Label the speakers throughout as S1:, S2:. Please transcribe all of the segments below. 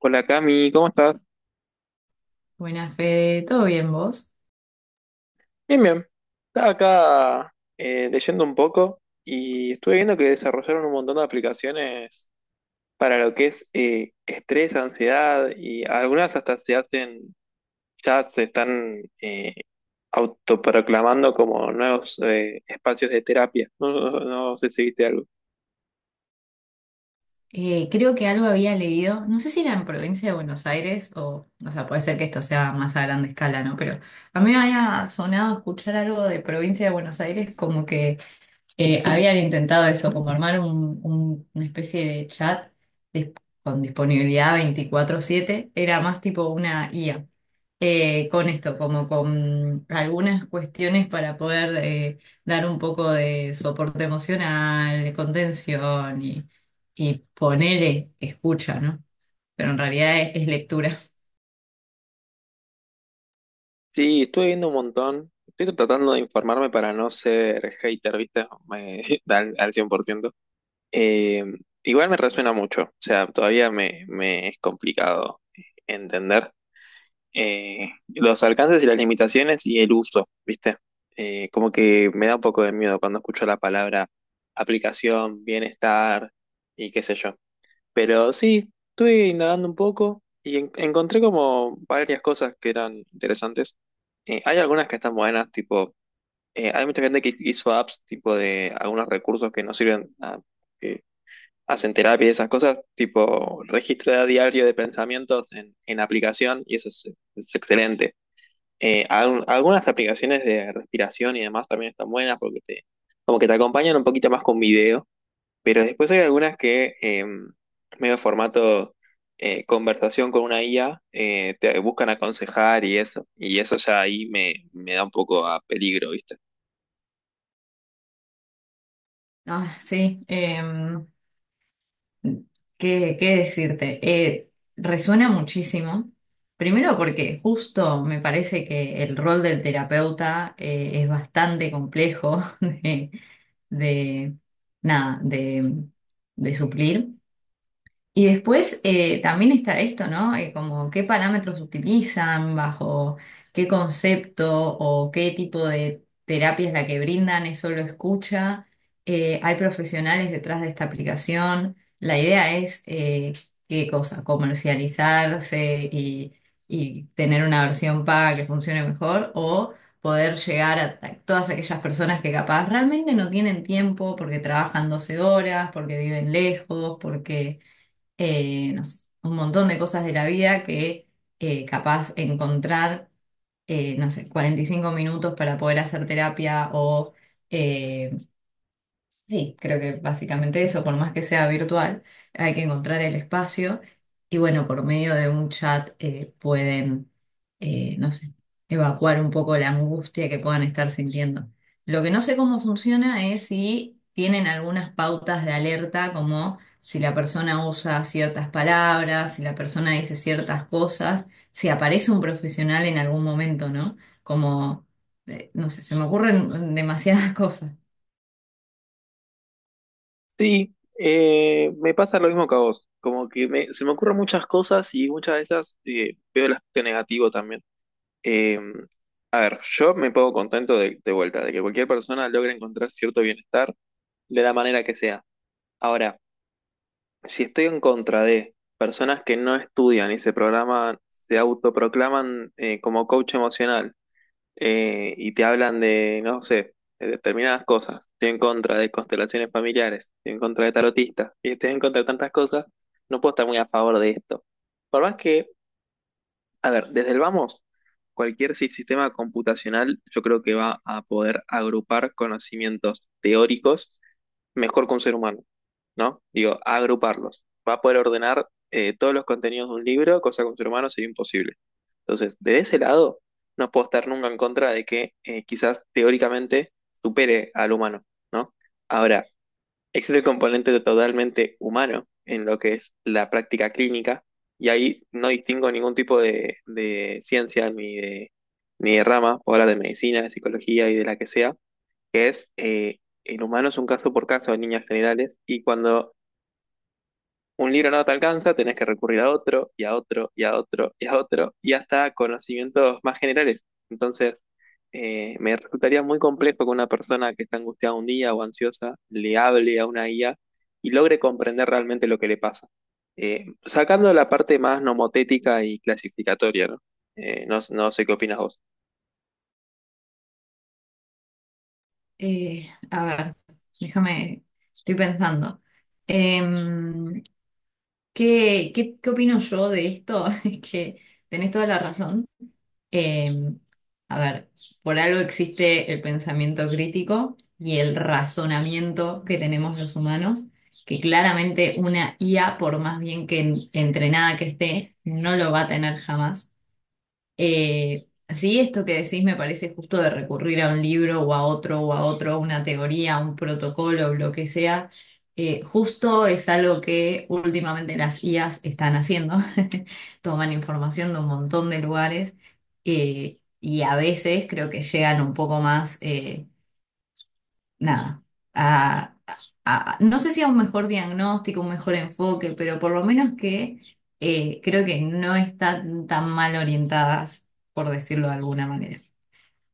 S1: Hola Cami, ¿cómo estás?
S2: Buenas, Fede. ¿Todo bien vos?
S1: Bien, bien. Estaba acá leyendo un poco y estuve viendo que desarrollaron un montón de aplicaciones para lo que es estrés, ansiedad y algunas hasta se hacen, ya se están autoproclamando como nuevos espacios de terapia. No sé si viste algo.
S2: Creo que algo había leído, no sé si era en provincia de Buenos Aires o sea, puede ser que esto sea más a grande escala, ¿no? Pero a mí me había sonado escuchar algo de provincia de Buenos Aires como que habían intentado eso, como armar una especie de chat dis- con disponibilidad 24/7, era más tipo una IA. Con esto, como con algunas cuestiones para poder dar un poco de soporte emocional, contención y ponerle escucha, ¿no? Pero en realidad es lectura.
S1: Sí, estuve viendo un montón. Estoy tratando de informarme para no ser hater, ¿viste? Al, al 100%. Eh, Igual me resuena mucho, o sea, todavía me es complicado entender los alcances y las limitaciones y el uso, ¿viste? Como que me da un poco de miedo cuando escucho la palabra aplicación, bienestar y qué sé yo. Pero sí, estuve indagando un poco y encontré como varias cosas que eran interesantes. Hay algunas que están buenas, tipo, hay mucha gente que hizo apps tipo de algunos recursos que no sirven, hacen terapia y esas cosas, tipo registro de diario de pensamientos en aplicación, y eso es excelente. Algunas aplicaciones de respiración y demás también están buenas porque te, como que te acompañan un poquito más con video, pero después hay algunas que medio formato conversación con una IA, te buscan aconsejar y eso ya ahí me da un poco a peligro, ¿viste?
S2: Ah, sí. ¿Qué decirte? Resuena muchísimo. Primero porque justo me parece que el rol del terapeuta es bastante complejo de- nada, de suplir. Y después también está esto, ¿no? Como qué parámetros utilizan, bajo qué concepto o qué tipo de terapia es la que brindan, es solo escucha. Hay profesionales detrás de esta aplicación. La idea es, ¿qué cosa? Comercializarse y tener una versión paga que funcione mejor o poder llegar a todas aquellas personas que capaz realmente no tienen tiempo porque trabajan 12 horas, porque viven lejos, porque no sé, un montón de cosas de la vida que capaz encontrar, no sé, 45 minutos para poder hacer terapia o eh, sí, creo que básicamente eso, por más que sea virtual, hay que encontrar el espacio y bueno, por medio de un chat pueden, no sé, evacuar un poco la angustia que puedan estar sintiendo. Lo que no sé cómo funciona es si tienen algunas pautas de alerta, como si la persona usa ciertas palabras, si la persona dice ciertas cosas, si aparece un profesional en algún momento, ¿no? Como, no sé, se me ocurren demasiadas cosas.
S1: Sí, me pasa lo mismo que a vos, como que se me ocurren muchas cosas y muchas de esas veo el aspecto negativo también. Eh, a ver, yo me pongo contento de vuelta, de que cualquier persona logre encontrar cierto bienestar de la manera que sea. Ahora, si estoy en contra de personas que no estudian y se programan, se autoproclaman como coach emocional, y te hablan de, no sé, de determinadas cosas. Estoy en contra de constelaciones familiares, estoy en contra de tarotistas, y estoy en contra de tantas cosas, no puedo estar muy a favor de esto. Por más que, a ver, desde el vamos, cualquier sistema computacional yo creo que va a poder agrupar conocimientos teóricos mejor que un ser humano, ¿no? Digo, agruparlos. Va a poder ordenar todos los contenidos de un libro, cosa que un ser humano sería imposible. Entonces, de ese lado, no puedo estar nunca en contra de que quizás teóricamente supere al humano, ¿no? Ahora, existe el componente totalmente humano en lo que es la práctica clínica, y ahí no distingo ningún tipo de ciencia ni de rama, o hablar de medicina, de psicología y de la que sea, que es el humano es un caso por caso en líneas generales, y cuando un libro no te alcanza, tenés que recurrir a otro, y a otro, y a otro, y a otro, y hasta conocimientos más generales. Entonces, me resultaría muy complejo que una persona que está angustiada un día o ansiosa le hable a una guía y logre comprender realmente lo que le pasa. Sacando la parte más nomotética y clasificatoria, ¿no? No sé qué opinas vos.
S2: A ver, déjame, estoy pensando. Em, ¿qué opino yo de esto? Es que tenés toda la razón. Em, a ver, por algo existe el pensamiento crítico y el razonamiento que tenemos los humanos, que claramente una IA, por más bien que entrenada que esté, no lo va a tener jamás. Sí, esto que decís me parece justo de recurrir a un libro o a otro, a una teoría, a un protocolo, lo que sea. Justo es algo que últimamente las IAs están haciendo. Toman información de un montón de lugares y a veces creo que llegan un poco más. Nada, a- no sé si a un mejor diagnóstico, un mejor enfoque, pero por lo menos que creo que no están tan mal orientadas, por decirlo de alguna manera.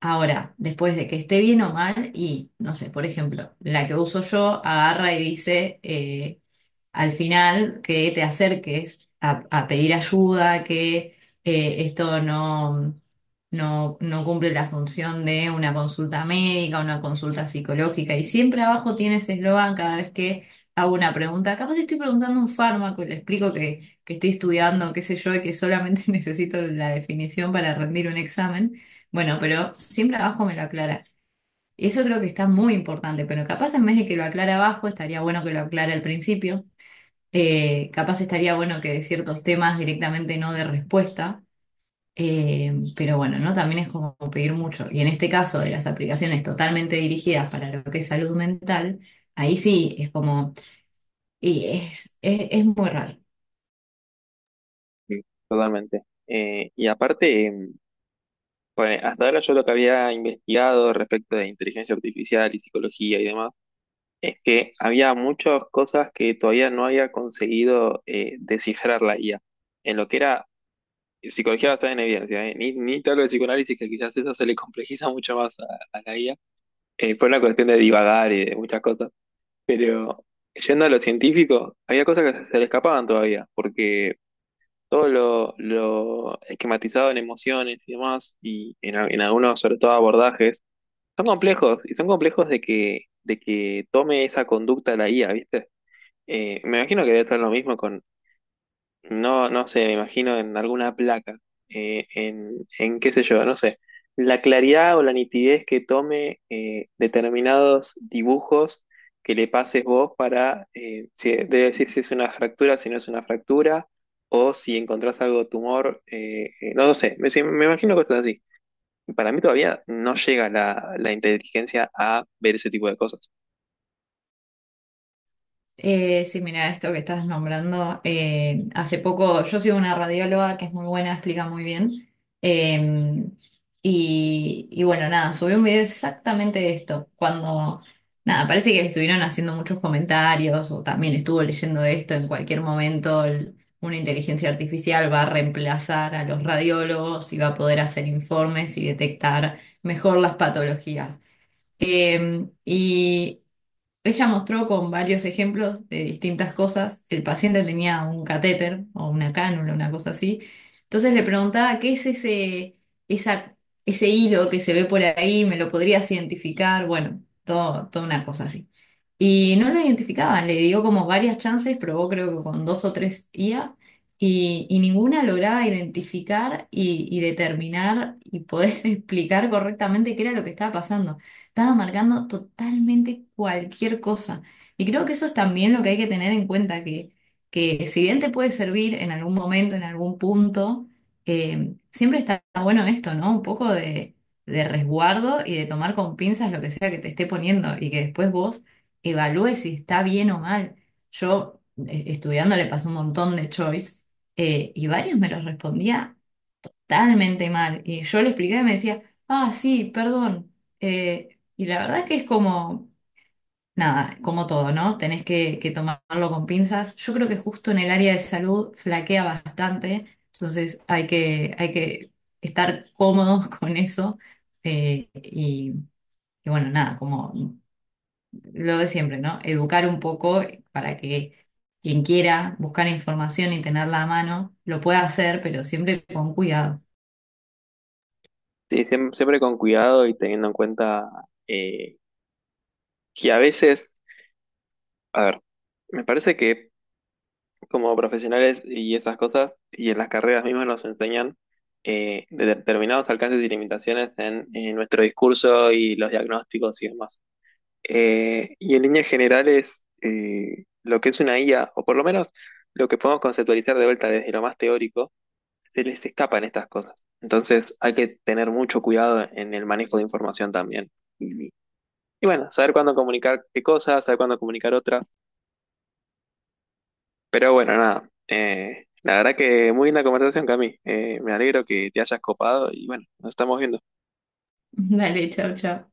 S2: Ahora, después de que esté bien o mal, y no sé, por ejemplo, la que uso yo agarra y dice, al final que te acerques a pedir ayuda, que esto no cumple la función de una consulta médica, una consulta psicológica. Y siempre abajo tienes eslogan cada vez que hago una pregunta. Capaz estoy preguntando un fármaco y le explico que estoy estudiando, qué sé yo, y que solamente necesito la definición para rendir un examen. Bueno, pero siempre abajo me lo aclara. Y eso creo que está muy importante, pero capaz en vez de que lo aclara abajo, estaría bueno que lo aclara al principio, capaz estaría bueno que de ciertos temas directamente no de respuesta, pero bueno, ¿no? También es como pedir mucho. Y en este caso de las aplicaciones totalmente dirigidas para lo que es salud mental, ahí sí es como, y es muy raro.
S1: Sí, totalmente. Y aparte, bueno, hasta ahora yo lo que había investigado respecto de inteligencia artificial y psicología y demás, es que había muchas cosas que todavía no había conseguido descifrar la IA. En lo que era psicología basada en evidencia, ni ni te hablo de psicoanálisis, que quizás eso se le complejiza mucho más a la IA. Fue una cuestión de divagar y de muchas cosas. Pero yendo a lo científico, había cosas que se le escapaban todavía, porque todo lo esquematizado en emociones y demás, en algunos, sobre todo, abordajes, son complejos, y son complejos de que tome esa conducta la IA, ¿viste? Me imagino que debe estar lo mismo con, no sé, me imagino en alguna placa, en qué sé yo, no sé, la claridad o la nitidez que tome determinados dibujos que le pases vos para, debe decir si es una fractura, si no es una fractura, o si encontrás algo de tumor, no lo sé, me, sí, me imagino cosas así. Para mí todavía no llega la inteligencia a ver ese tipo de cosas.
S2: Sí, mira, esto que estás nombrando, hace poco yo sigo una radióloga que es muy buena, explica muy bien. eh, y bueno, nada, subí un video exactamente de esto, cuando, nada, parece que estuvieron haciendo muchos comentarios o también estuvo leyendo de esto, en cualquier momento una inteligencia artificial va a reemplazar a los radiólogos y va a poder hacer informes y detectar mejor las patologías. Y ella mostró con varios ejemplos de distintas cosas. El paciente tenía un catéter o una cánula, una cosa así. Entonces le preguntaba, ¿qué es esa, ese hilo que se ve por ahí? ¿Me lo podrías identificar? Bueno, todo, toda una cosa así. Y no lo identificaban, le dio como varias chances, probó creo que con dos o tres IA y ninguna lograba identificar y determinar y poder explicar correctamente qué era lo que estaba pasando. Estaba marcando totalmente cualquier cosa. Y creo que eso es también lo que hay que tener en cuenta, que si bien te puede servir en algún momento, en algún punto, siempre está bueno esto, ¿no? Un poco de resguardo y de tomar con pinzas lo que sea que te esté poniendo y que después vos evalúes si está bien o mal. Yo, estudiando, le pasé un montón de choice y varios me los respondía totalmente mal. Y yo le expliqué y me decía, ah, sí, perdón. Y la verdad es que es como, nada, como todo, ¿no? Tenés que tomarlo con pinzas. Yo creo que justo en el área de salud flaquea bastante, entonces hay que estar cómodos con eso. Eh, y, y bueno, nada, como lo de siempre, ¿no? Educar un poco para que quien quiera buscar información y tenerla a mano lo pueda hacer, pero siempre con cuidado.
S1: Sí, siempre con cuidado y teniendo en cuenta que a veces, a ver, me parece que como profesionales y esas cosas, y en las carreras mismas nos enseñan determinados alcances y limitaciones en nuestro discurso y los diagnósticos y demás. Y en líneas generales, lo que es una IA, o por lo menos lo que podemos conceptualizar de vuelta desde lo más teórico, se les escapan estas cosas. Entonces hay que tener mucho cuidado en el manejo de información también. Y, y bueno, saber cuándo comunicar qué cosas, saber cuándo comunicar otras. Pero bueno, nada. La verdad que muy linda conversación, Cami. Me alegro que te hayas copado y bueno, nos estamos viendo.
S2: Dale, chau, chau.